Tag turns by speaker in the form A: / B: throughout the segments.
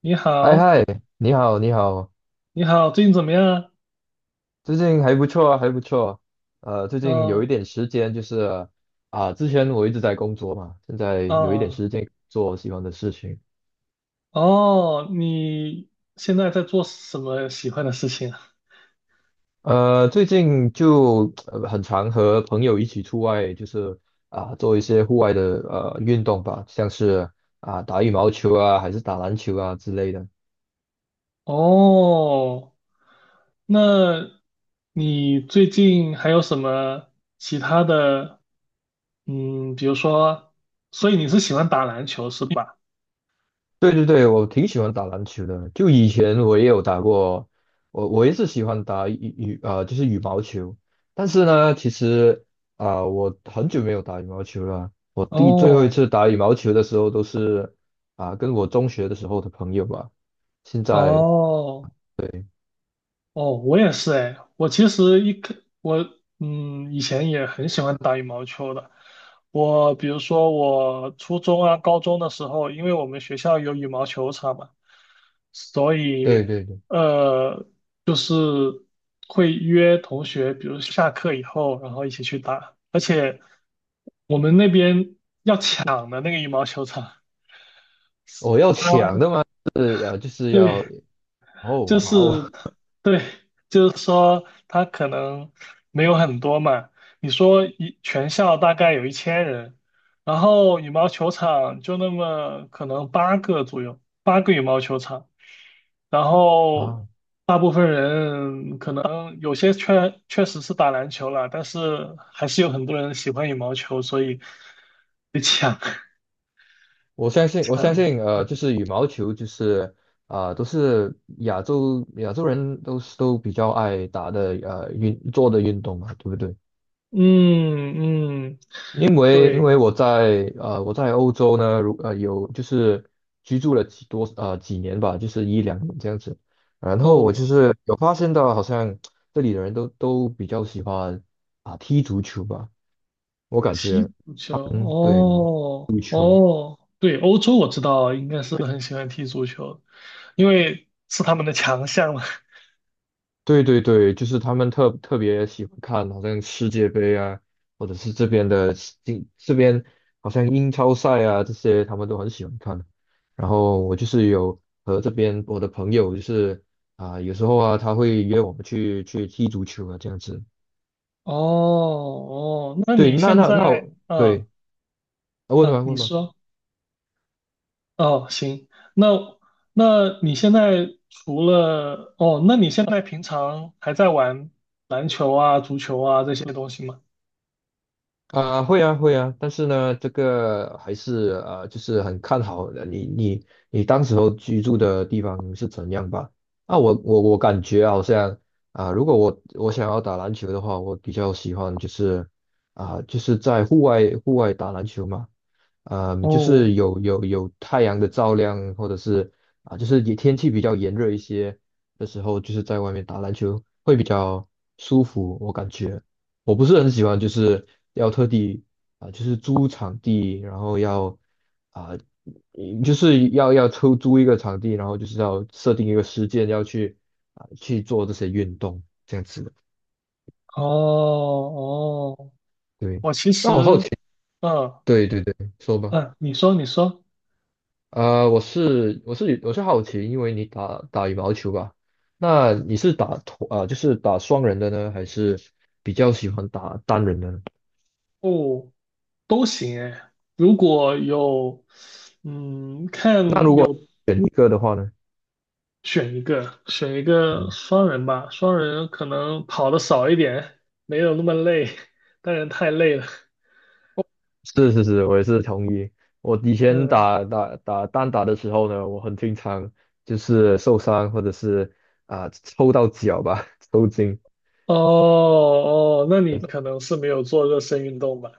A: 你
B: 哎
A: 好，
B: 嗨，你好，你好。
A: 你好，最近怎么样
B: 最近还不错啊，还不错。最近有
A: 呃
B: 一点时间，就是之前我一直在工作嘛，现在有一点
A: 啊？嗯嗯，
B: 时间做我喜欢的事情。
A: 哦，你现在在做什么喜欢的事情啊？
B: 最近就很常和朋友一起出外，就是做一些户外的运动吧，像是打羽毛球啊，还是打篮球啊之类的。
A: 哦，那你最近还有什么其他的？嗯，比如说，所以你是喜欢打篮球是吧？
B: 对对对，我挺喜欢打篮球的。就以前我也有打过，我也是喜欢打羽羽呃，就是羽毛球。但是呢，其实我很久没有打羽毛球了。我最后一
A: 哦
B: 次打羽毛球的时候，都是跟我中学的时候的朋友吧。现在。
A: 哦
B: 对
A: 哦，我也是哎，我其实一开我嗯以前也很喜欢打羽毛球的。我比如说我初中啊、高中的时候，因为我们学校有羽毛球场嘛，所
B: 对
A: 以
B: 对对，
A: 呃就是会约同学，比如下课以后，然后一起去打。而且我们那边抢的那个羽毛球场，啊
B: 我要抢的嘛，是就是
A: 对，
B: 要。
A: 就
B: 哦，好。
A: 是他对，就是说他可能没有很多嘛。你说全校大概有1000人，然后羽毛球场就那么可能八个左右，八个羽毛球场，然 后
B: 啊，
A: 大部分人可能有些确实是打篮球了，但是还是有很多人喜欢羽毛球，所以被抢
B: 我相 信，我相
A: 抢。
B: 信，就是羽毛球，就是都是亚洲人都是都比较爱打的，运做的运动嘛，对不对？
A: 嗯嗯，
B: 因为因为
A: 对
B: 我在欧洲呢，有就是居住了几年吧，就是一两年这样子，然后我
A: 哦。
B: 就是有发现到，好像这里的人都比较喜欢踢足球吧，我感
A: 踢
B: 觉，
A: 足球，
B: 嗯，对。
A: 哦哦，对，欧洲我知道，应该是很喜欢踢足球，因为是他们的强项嘛。
B: 对对对，就是他们特别喜欢看，好像世界杯啊，或者是这边的英这边好像英超赛啊这些，他们都很喜欢看。然后我就是有和这边我的朋友，就是有时候啊，他会约我们去踢足球啊，这样子。
A: 哦哦，那
B: 对，
A: 你
B: 那
A: 现
B: 那那
A: 在，
B: 我
A: 嗯
B: 对，问吧
A: 嗯，你
B: 问吧。
A: 说，哦行，那那你现在除了，哦，那你现在平常还在玩篮球啊、足球啊这些东西吗？
B: 会啊，会啊，但是呢，这个还是就是很看好的你当时候居住的地方是怎样吧？啊，我感觉好像如果我想要打篮球的话，我比较喜欢就是就是在户外打篮球嘛，嗯、就
A: 哦
B: 是有太阳的照亮，或者是就是也天气比较炎热一些的时候，就是在外面打篮球会比较舒服，我感觉。我不是很喜欢，就是要特地就是租场地，然后要啊、就是要抽租一个场地，然后就是要设定一个时间要去去做这些运动这样子的。
A: 哦哦，
B: 对，
A: 我其
B: 那
A: 实，
B: 我好奇，
A: 嗯
B: 对对对，说吧。
A: 嗯，你说你说，
B: 我是好奇，因为你打羽毛球吧，那你是打团啊、就是打双人的呢，还是比较喜欢打单人的呢？
A: 哦都行哎，如果有，嗯，
B: 那如
A: 看
B: 果
A: 有
B: 选一个的话呢？
A: 选一个双人吧，双人可能跑的少一点，没有那么累，当然太累了。
B: 是是是，我也是同意。我以前
A: 嗯，
B: 打单打的时候呢，我很经常就是受伤或者是抽到脚吧，抽筋。
A: 哦哦，那你可能是没有做热身运动吧？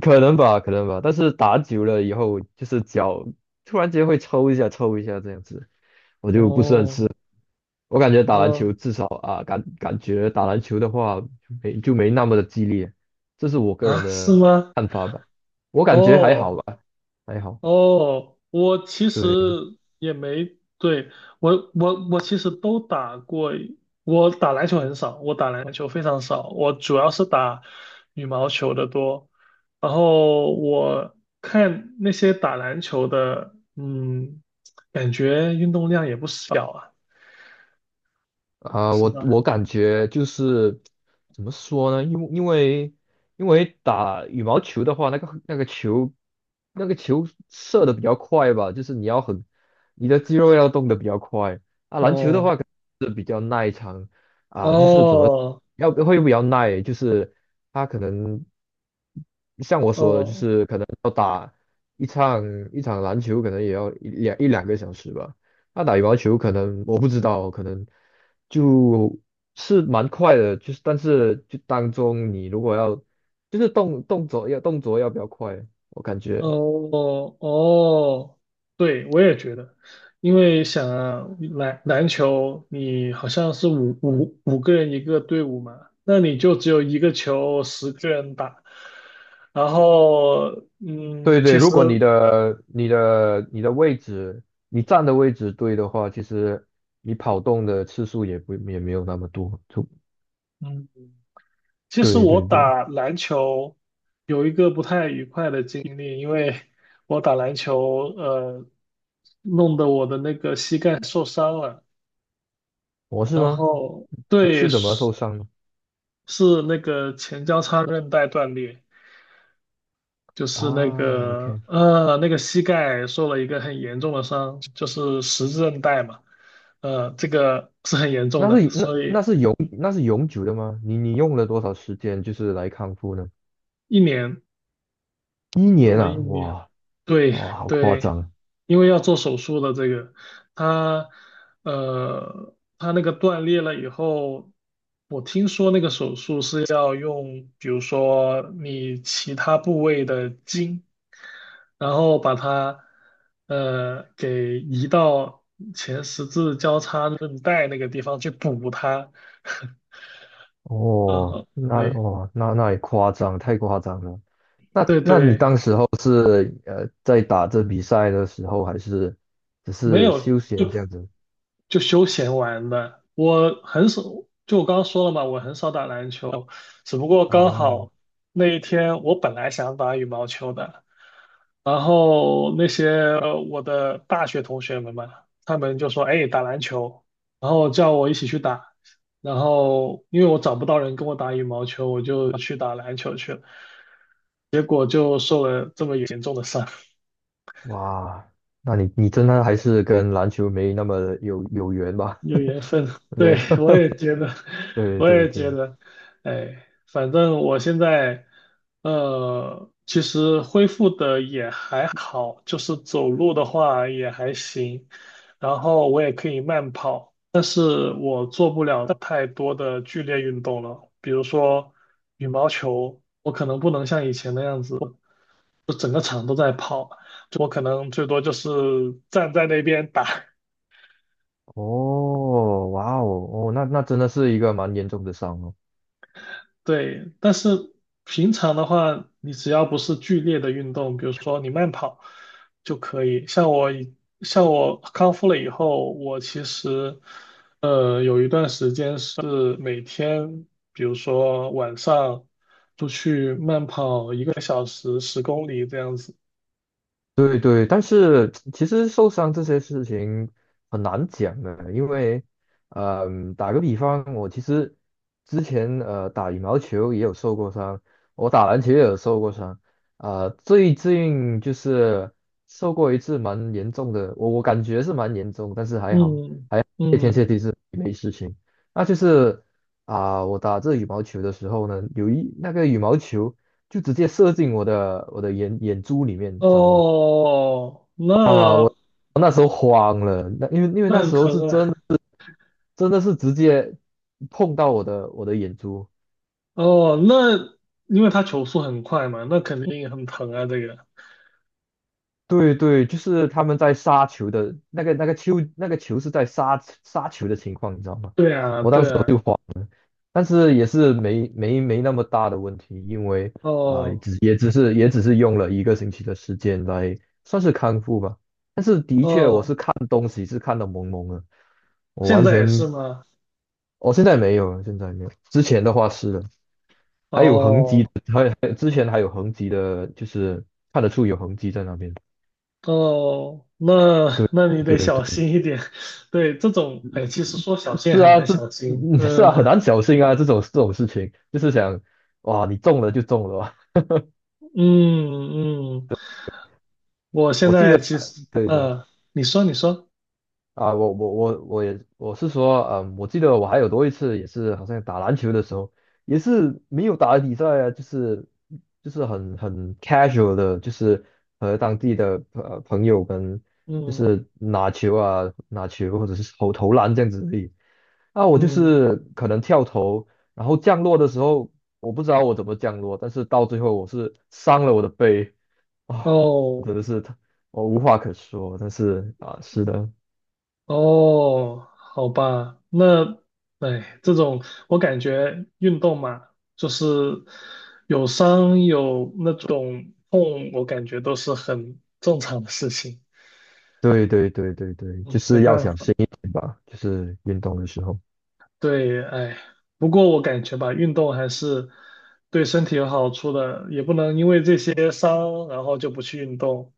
B: 可能吧，可能吧。但是打久了以后，就是脚突然间会抽一下，抽一下这样子，我就不是很
A: 哦
B: 吃。我感觉打篮
A: 哦
B: 球至少感觉打篮球的话没就没那么的激烈，这是我个人
A: 啊，是
B: 的
A: 吗？
B: 看法吧。我感觉还好
A: 哦
B: 吧，还好。
A: 哦，我其实
B: 对。
A: 也没，对，我其实都打过，我打篮球很少，我打篮球非常少，我主要是打羽毛球的多。然后我看那些打篮球的，嗯，感觉运动量也不小啊。是吧？
B: 感觉就是怎么说呢？因为因为打羽毛球的话，那个那个球那个球射的比较快吧，就是你要很你的肌肉要动的比较快。篮球的
A: 哦
B: 话就是怎么
A: 哦
B: 要会比较耐，就是它可能像我说的，就
A: 哦
B: 是可能。一场一场篮球可能也要一两个小时吧。那打羽毛球可能我不知道，可能就是蛮快的，就是但是就当中你如果要就是动作要比较快，我感觉。
A: 哦哦，对，我也觉得，因为想啊，篮球你好像是五个人一个队伍嘛，那你就只有一个球，10个人打。然后，
B: 对对，
A: 其实，
B: 如果你的位置你站的位置对的话，其实你跑动的次数也没有那么多。就
A: 嗯，其实
B: 对
A: 我
B: 对对。
A: 打篮球有一个不太愉快的经历，因为我打篮球，弄得我的那个膝盖受伤了。
B: 我是
A: 然
B: 吗？
A: 后对，
B: 是怎么受伤的？
A: 是那个前交叉韧带断裂，就是那
B: 啊
A: 个
B: ，OK。
A: 呃那个膝盖受了一个很严重的伤，就是十字韧带嘛，这个是很严重
B: 那
A: 的，
B: 是
A: 所以
B: 那是永久的吗？你用了多少时间就是来康复呢？
A: 一年
B: 一
A: 用
B: 年
A: 了一
B: 啊，
A: 年，
B: 哇。
A: 对
B: 哇，好夸
A: 对，
B: 张啊。
A: 因为要做手术的这个，他他那个断裂了以后。我听说那个手术是要用，比如说你其他部位的筋，然后把它给移到前十字交叉韧带那个地方去补它。然
B: 哦！
A: 后
B: 那
A: 对
B: 哦那那也夸张，太夸张了。那
A: 对
B: 那你
A: 对，
B: 当时候是在打这比赛的时候，还是只
A: 没
B: 是
A: 有
B: 休闲这样子？
A: 就休闲玩的。我很少，就我刚刚说了嘛，我很少打篮球，只不过刚
B: 啊，
A: 好那一天我本来想打羽毛球的。然后那些我的大学同学们嘛，他们就说：“哎，打篮球。”然后叫我一起去打。然后因为我找不到人跟我打羽毛球，我就去打篮球去了。结果就受了这么严重的伤。
B: 哇，那你你真的还是跟篮球没那么有缘吧？
A: 有缘分，
B: 没
A: 对，我
B: 有，
A: 也觉得，
B: 对
A: 我
B: 对
A: 也觉
B: 对。
A: 得，哎，反正我现在，其实恢复的也还好，就是走路的话也还行，然后我也可以慢跑，但是我做不了太多的剧烈运动了，比如说羽毛球，我可能不能像以前那样子，就整个场都在跑，就我可能最多就是站在那边打。
B: 哦，哇哦，哦，那那真的是一个蛮严重的伤哦。
A: 对，但是平常的话，你只要不是剧烈的运动，比如说你慢跑就可以。像我康复了以后，我其实有一段时间是每天，比如说晚上出去慢跑1个小时，10公里这样子。
B: 对对，但是其实受伤这些事情很难讲的，因为，嗯、打个比方，我其实之前打羽毛球也有受过伤，我打篮球也有受过伤，最近就是受过一次蛮严重的，我感觉是蛮严重，但是还好，
A: 嗯
B: 谢天谢
A: 嗯，
B: 地是没事情。那就是我打这羽毛球的时候呢，有一那个羽毛球就直接射进我的眼珠里面，你知道吗？
A: 哦，
B: 啊，我
A: 那
B: 那时候慌了，那因为
A: 那
B: 那
A: 很
B: 时候是
A: 疼啊。
B: 真真的是直接碰到我的眼珠。
A: 哦，那因为他球速很快嘛，那肯定很疼啊，这个。
B: 对对，就是他们在杀球的那个那个球那个球是在杀球的情况，你知道吗？
A: 对啊，
B: 我当
A: 对
B: 时。
A: 啊，
B: 但是也是没那么大的问题，因为
A: 哦
B: 只也只是也只是用了一个星期的时间来算是康复吧。但是的确，我
A: 哦，
B: 是看东西是看得蒙蒙的，我
A: 现
B: 完
A: 在也是
B: 全，
A: 吗？
B: 现在没有了，现在没有，之前的话是的，还有痕迹
A: 哦
B: 的，之前还有痕迹的，就是看得出有痕迹在那边。
A: 哦，
B: 对
A: 那你
B: 对
A: 得小
B: 对，
A: 心一点。对，这种，哎，其实说小心也
B: 是
A: 很
B: 啊。
A: 难
B: 这，
A: 小心。
B: 嗯，是啊，很
A: 嗯
B: 难侥幸啊，这种这种事情，就是想，哇，你中了就中了啊。
A: 嗯嗯，我 现
B: 我记
A: 在
B: 得，
A: 其实，
B: 对对。
A: 你说你说，
B: 啊，我是说，嗯，我记得我还有多一次也是好像打篮球的时候，也是没有打比赛啊，就是很很 casual 的，就是和当地的朋友跟就
A: 嗯
B: 是拿球或者是投篮这样子而已。那我就
A: 嗯，
B: 是可能跳投，然后降落的时候不知道我怎么降落，但是到最后我是伤了我的背啊，我
A: 哦
B: 真的是我无话可说，但是啊，是的。
A: 哦，好吧，那，哎，这种我感觉运动嘛，就是有伤有那种痛，我感觉都是很正常的事情。
B: 对对对对对，就
A: 嗯，没
B: 是要
A: 办
B: 小
A: 法。
B: 心一点吧，就是运动的时候。
A: 对，哎，不过我感觉吧，运动还是对身体有好处的，也不能因为这些伤，然后就不去运动。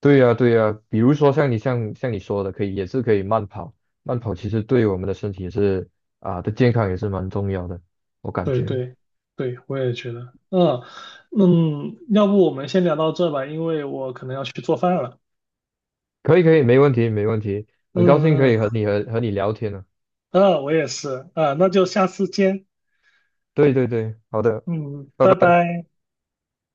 B: 对呀对呀，比如说像像你说的，可以也是可以慢跑，慢跑其实对我们的身体也是健康也是蛮重要的，我感
A: 对
B: 觉。
A: 对对，我也觉得。嗯嗯，要不我们先聊到这吧，因为我可能要去做饭了。
B: 可以可以，没问题没问题，很高兴可
A: 嗯
B: 以和
A: 嗯。
B: 你和你聊天呢。
A: 嗯，我也是，啊，那就下次见，
B: 对对对，好的，
A: 嗯，
B: 拜
A: 拜
B: 拜。
A: 拜。